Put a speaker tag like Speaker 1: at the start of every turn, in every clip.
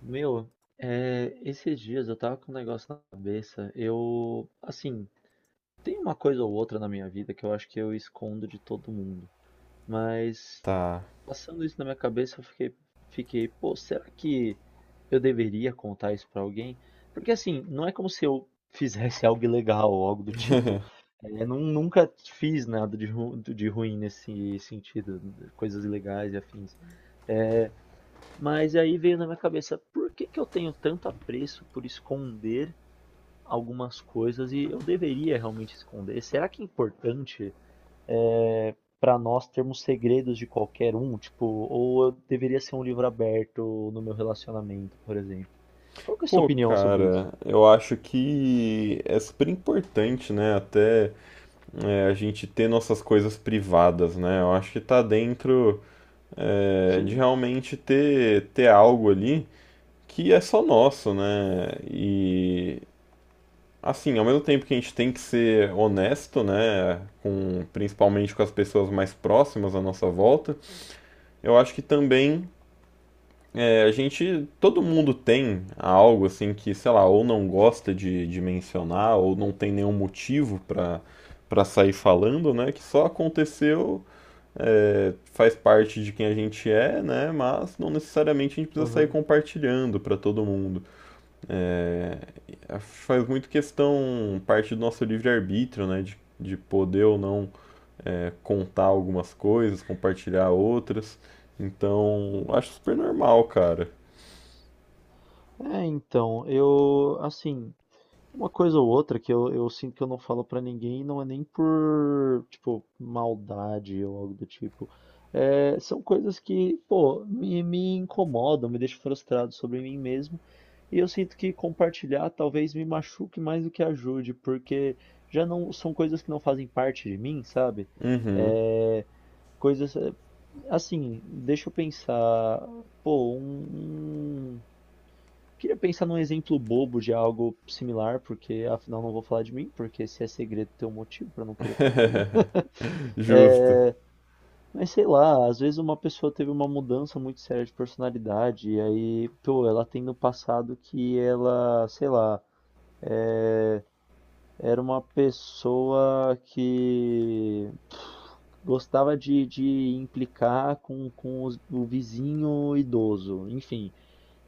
Speaker 1: Meu, esses dias eu tava com um negócio na cabeça. Eu, assim, tem uma coisa ou outra na minha vida que eu acho que eu escondo de todo mundo. Mas
Speaker 2: Tá.
Speaker 1: passando isso na minha cabeça, eu fiquei, pô, será que eu deveria contar isso pra alguém? Porque assim, não é como se eu fizesse algo ilegal ou algo do tipo. É, nunca fiz nada de, de ruim nesse sentido, coisas ilegais e afins. Mas aí veio na minha cabeça, por que que eu tenho tanto apreço por esconder algumas coisas e eu deveria realmente esconder? Será que é importante para nós termos segredos de qualquer um? Tipo, ou eu deveria ser um livro aberto no meu relacionamento, por exemplo? Qual que é a sua
Speaker 2: Pô,
Speaker 1: opinião sobre isso?
Speaker 2: cara, eu acho que é super importante, né? Até a gente ter nossas coisas privadas, né? Eu acho que tá dentro de
Speaker 1: Sim.
Speaker 2: realmente ter algo ali que é só nosso, né? E assim, ao mesmo tempo que a gente tem que ser honesto, né? Com, principalmente com as pessoas mais próximas à nossa volta, eu acho que também a gente, todo mundo tem algo assim que, sei lá, ou não gosta de mencionar, ou não tem nenhum motivo pra para sair falando, né? Que só aconteceu, faz parte de quem a gente é, né? Mas não necessariamente a gente precisa sair
Speaker 1: Aham.
Speaker 2: compartilhando pra todo mundo. É, Faz muito questão parte do nosso livre-arbítrio, né? De poder ou não contar algumas coisas, compartilhar outras. Então, acho super normal, cara.
Speaker 1: Então, uma coisa ou outra que eu sinto que eu não falo pra ninguém, não é nem por, tipo, maldade ou algo do tipo. É, são coisas que, pô, me incomodam, me deixam frustrado sobre mim mesmo. E eu sinto que compartilhar talvez me machuque mais do que ajude, porque já não são coisas que não fazem parte de mim, sabe?
Speaker 2: Uhum.
Speaker 1: É, coisas, é, assim, deixa eu pensar, pô, um queria pensar num exemplo bobo de algo similar, porque afinal não vou falar de mim, porque se é segredo tem um motivo pra não querer falar, né?
Speaker 2: Justo.
Speaker 1: Eh, mas sei lá, às vezes uma pessoa teve uma mudança muito séria de personalidade, e aí, pô, ela tem no passado que ela, sei lá, eh, era uma pessoa que gostava de implicar com, o vizinho idoso, enfim.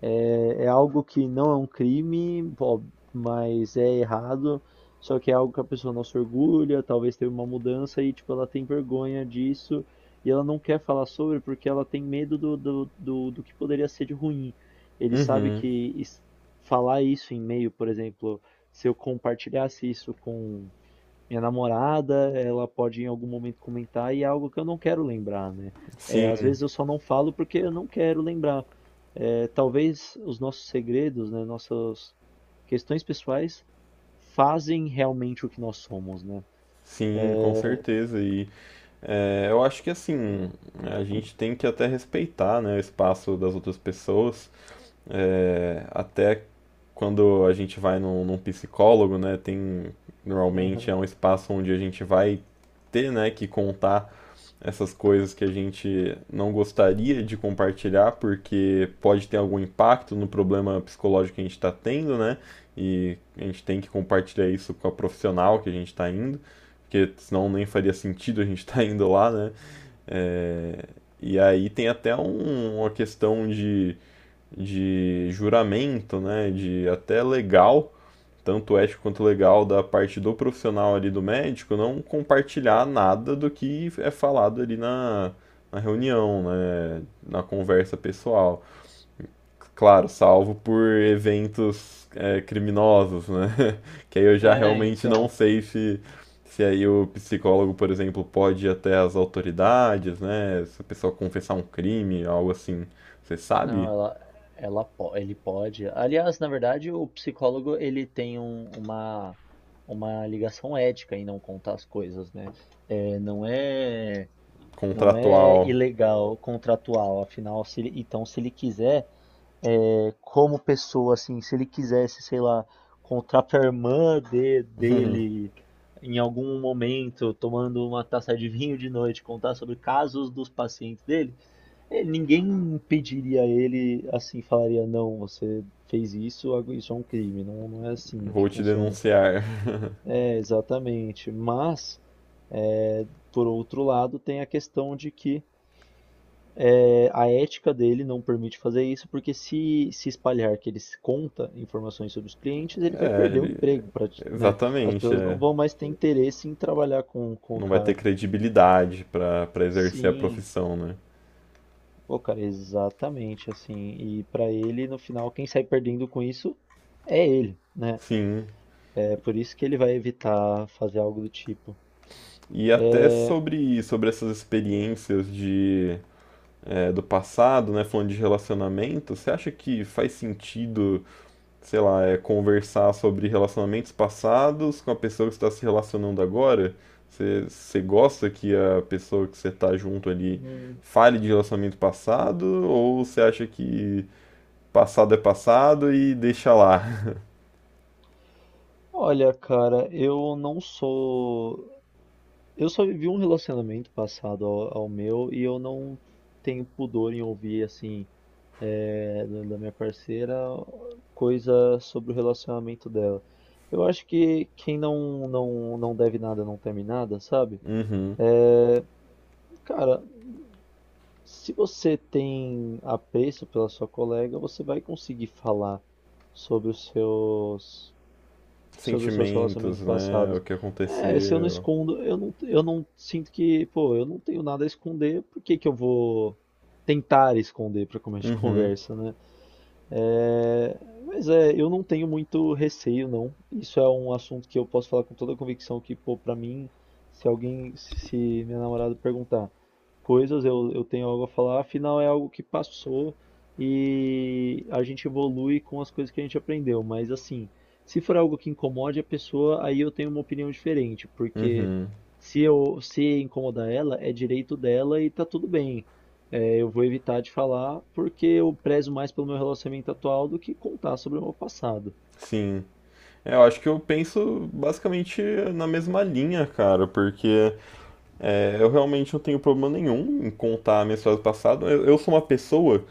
Speaker 1: É, é algo que não é um crime, ó, mas é errado. Só que é algo que a pessoa não se orgulha, talvez teve uma mudança e tipo ela tem vergonha disso e ela não quer falar sobre porque ela tem medo do que poderia ser de ruim. Ele sabe
Speaker 2: Uhum,
Speaker 1: que is- falar isso em e-mail, por exemplo, se eu compartilhasse isso com minha namorada, ela pode em algum momento comentar e é algo que eu não quero lembrar, né? É, às
Speaker 2: sim,
Speaker 1: vezes eu só não falo porque eu não quero lembrar. É, talvez os nossos segredos, né, nossas questões pessoais fazem realmente o que nós somos, né?
Speaker 2: sim, com certeza. E eu acho que assim, a gente tem que até respeitar, né, o espaço das outras pessoas. Até quando a gente vai num psicólogo, né, tem normalmente
Speaker 1: Aham.
Speaker 2: é um espaço onde a gente vai ter, né, que contar essas coisas que a gente não gostaria de compartilhar, porque pode ter algum impacto no problema psicológico que a gente está tendo, né? E a gente tem que compartilhar isso com a profissional que a gente está indo, porque senão nem faria sentido a gente estar indo lá, né? É, E aí tem até uma questão de juramento, né? De até legal, tanto ético quanto legal, da parte do profissional ali do médico não compartilhar nada do que é falado ali na reunião, né, na conversa pessoal. Claro, salvo por eventos criminosos, né? Que aí eu já
Speaker 1: É,
Speaker 2: realmente não
Speaker 1: então.
Speaker 2: sei se aí o psicólogo, por exemplo, pode ir até as autoridades, né? Se a pessoa confessar um crime, algo assim. Você
Speaker 1: Não,
Speaker 2: sabe?
Speaker 1: ela, ele pode. Aliás, na verdade, o psicólogo ele tem uma ligação ética em não contar as coisas, né? É, não é. Não é
Speaker 2: Contratual,
Speaker 1: ilegal, contratual. Afinal, se ele- então, se ele quiser, é, como pessoa, assim, se ele quisesse, sei lá, contratar a irmã dele em algum momento, tomando uma taça de vinho de noite, contar sobre casos dos pacientes dele, ninguém impediria ele, assim, falaria, não, você fez isso, isso é um crime. Não, não é assim que
Speaker 2: vou te
Speaker 1: funciona.
Speaker 2: denunciar.
Speaker 1: É, exatamente. Mas, por outro lado, tem a questão de que a ética dele não permite fazer isso, porque se espalhar que ele se conta informações sobre os clientes, ele vai
Speaker 2: É,
Speaker 1: perder o
Speaker 2: ele-
Speaker 1: emprego, né? As
Speaker 2: Exatamente,
Speaker 1: pessoas não
Speaker 2: é.
Speaker 1: vão mais ter interesse em trabalhar com o
Speaker 2: Não vai ter
Speaker 1: cara.
Speaker 2: credibilidade para exercer a
Speaker 1: Sim,
Speaker 2: profissão, né?
Speaker 1: pô, cara, exatamente assim. E pra ele, no final, quem sai perdendo com isso é ele, né?
Speaker 2: Sim.
Speaker 1: É por isso que ele vai evitar fazer algo do tipo.
Speaker 2: E até sobre essas experiências de, do passado, né? Falando de relacionamento, você acha que faz sentido, sei lá, conversar sobre relacionamentos passados com a pessoa que está se relacionando agora? Você gosta que a pessoa que você está junto ali
Speaker 1: Hum,
Speaker 2: fale de relacionamento passado? Ou você acha que passado é passado e deixa lá?
Speaker 1: olha, cara, eu não sou. Eu só vivi um relacionamento passado ao, ao meu e eu não tenho pudor em ouvir, assim, da minha parceira, coisa sobre o relacionamento dela. Eu acho que quem não deve nada não teme nada, sabe?
Speaker 2: Uhum.
Speaker 1: Cara, se você tem apreço pela sua colega, você vai conseguir falar sobre os seus sobre os seus
Speaker 2: Sentimentos,
Speaker 1: relacionamentos
Speaker 2: né? O
Speaker 1: passados.
Speaker 2: que
Speaker 1: É, se eu não
Speaker 2: aconteceu.
Speaker 1: escondo, eu não sinto que, pô, eu não tenho nada a esconder, por que que eu vou tentar esconder para começo de
Speaker 2: Uhum,
Speaker 1: conversa, né? É, mas é, eu não tenho muito receio, não. Isso é um assunto que eu posso falar com toda a convicção que, pô, pra mim, se minha namorada perguntar coisas, eu tenho algo a falar, afinal é algo que passou e a gente evolui com as coisas que a gente aprendeu. Mas assim, se for algo que incomode a pessoa, aí eu tenho uma opinião diferente, porque se incomodar ela, é direito dela e tá tudo bem. É, eu vou evitar de falar porque eu prezo mais pelo meu relacionamento atual do que contar sobre o meu passado.
Speaker 2: sim. Eu acho que eu penso basicamente na mesma linha, cara, porque eu realmente não tenho problema nenhum em contar minhas história do passado. Eu sou uma pessoa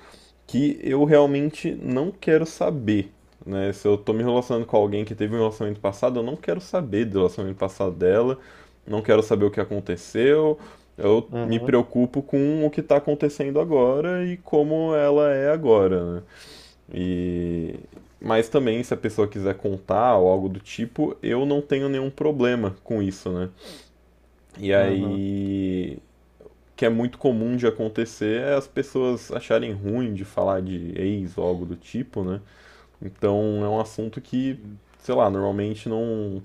Speaker 2: que eu realmente não quero saber, né? Se eu tô me relacionando com alguém que teve um relacionamento passado, eu não quero saber do relacionamento passado dela, não quero saber o que aconteceu. Eu me
Speaker 1: Aham,
Speaker 2: preocupo com o que tá acontecendo agora e como ela é agora, né? E mas também se a pessoa quiser contar ou algo do tipo, eu não tenho nenhum problema com isso, né? E
Speaker 1: aham,
Speaker 2: aí, que é muito comum de acontecer, é as pessoas acharem ruim de falar de ex ou algo do tipo, né? Então é um assunto que,
Speaker 1: sim,
Speaker 2: sei lá, normalmente não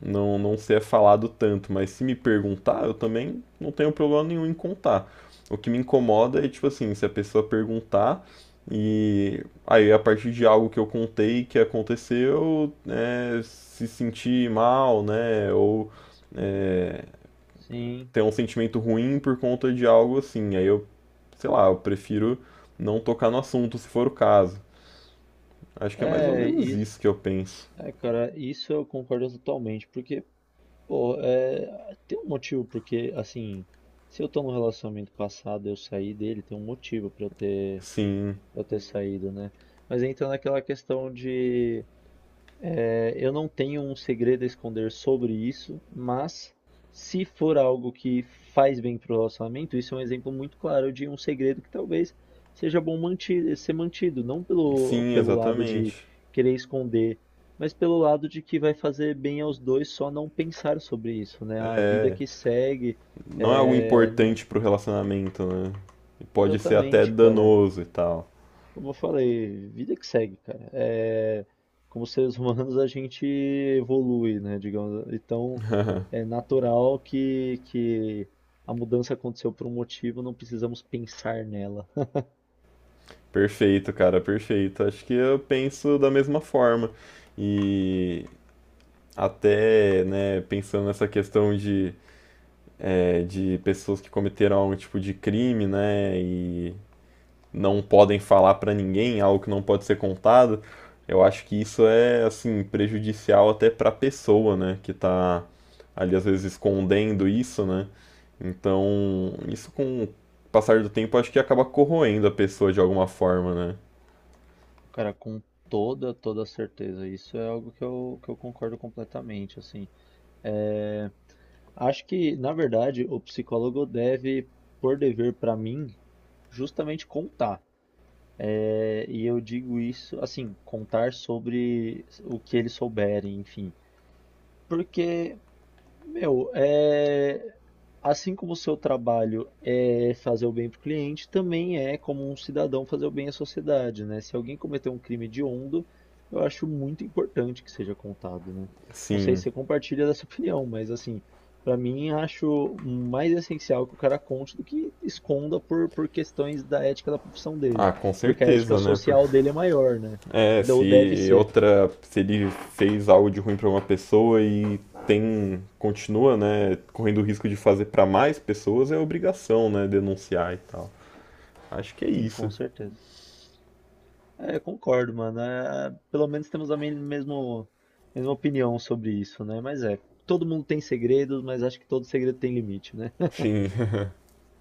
Speaker 2: não, não ser falado tanto, mas se me perguntar, eu também não tenho problema nenhum em contar. O que me incomoda é, tipo assim, se a pessoa perguntar e aí, a partir de algo que eu contei que aconteceu, né, se sentir mal, né, ou é,
Speaker 1: sim.
Speaker 2: ter um sentimento ruim por conta de algo assim. Aí eu, sei lá, eu prefiro não tocar no assunto se for o caso. Acho que é mais ou
Speaker 1: É,
Speaker 2: menos
Speaker 1: isso,
Speaker 2: isso que eu penso.
Speaker 1: cara, isso eu concordo totalmente, porque, pô, é, tem um motivo, porque, assim, se eu tô num relacionamento passado, eu saí dele, tem um motivo
Speaker 2: Sim,
Speaker 1: pra eu ter saído, né? Mas entra naquela questão de eu não tenho um segredo a esconder sobre isso, mas se for algo que faz bem para o relacionamento, isso é um exemplo muito claro de um segredo que talvez seja bom ser mantido, não
Speaker 2: sim,
Speaker 1: pelo lado de
Speaker 2: exatamente.
Speaker 1: querer esconder, mas pelo lado de que vai fazer bem aos dois só não pensar sobre isso, né? A vida
Speaker 2: É,
Speaker 1: que segue,
Speaker 2: não é algo
Speaker 1: é...
Speaker 2: importante pro relacionamento, né? Pode ser até
Speaker 1: exatamente, cara.
Speaker 2: danoso e tal.
Speaker 1: Como eu falei, vida que segue, cara. É, como seres humanos a gente evolui, né? Digamos. Então é natural que a mudança aconteceu por um motivo, não precisamos pensar nela.
Speaker 2: Perfeito, cara, perfeito. Acho que eu penso da mesma forma. E até, né, pensando nessa questão de, de pessoas que cometeram algum tipo de crime, né, e não podem falar para ninguém, algo que não pode ser contado, eu acho que isso é assim prejudicial até para a pessoa, né, que está ali às vezes escondendo isso, né? Então, isso com o passar do tempo acho que acaba corroendo a pessoa de alguma forma, né?
Speaker 1: Cara, com toda, toda certeza. Isso é algo que que eu concordo completamente, assim. É, acho que, na verdade, o psicólogo deve, por dever para mim, justamente contar. É, e eu digo isso, assim, contar sobre o que eles souberem, enfim. Porque meu, é... assim como o seu trabalho é fazer o bem para o cliente, também é como um cidadão fazer o bem à sociedade, né? Se alguém cometer um crime hediondo, eu acho muito importante que seja contado, né? Não sei se
Speaker 2: Sim.
Speaker 1: você compartilha dessa opinião, mas assim, para mim acho mais essencial que o cara conte do que esconda por questões da ética da profissão dele,
Speaker 2: Ah, com
Speaker 1: porque a ética
Speaker 2: certeza, né? Por-
Speaker 1: social dele é maior, né?
Speaker 2: É,
Speaker 1: Ou deve
Speaker 2: se
Speaker 1: ser.
Speaker 2: outra, se ele fez algo de ruim para uma pessoa e tem, continua, né, correndo o risco de fazer para mais pessoas, é obrigação, né, denunciar e tal. Acho que é
Speaker 1: Sim, com
Speaker 2: isso.
Speaker 1: certeza. É, eu concordo, mano. É, pelo menos temos a mesmo, mesma opinião sobre isso, né? Mas é, todo mundo tem segredos, mas acho que todo segredo tem limite, né?
Speaker 2: Sim.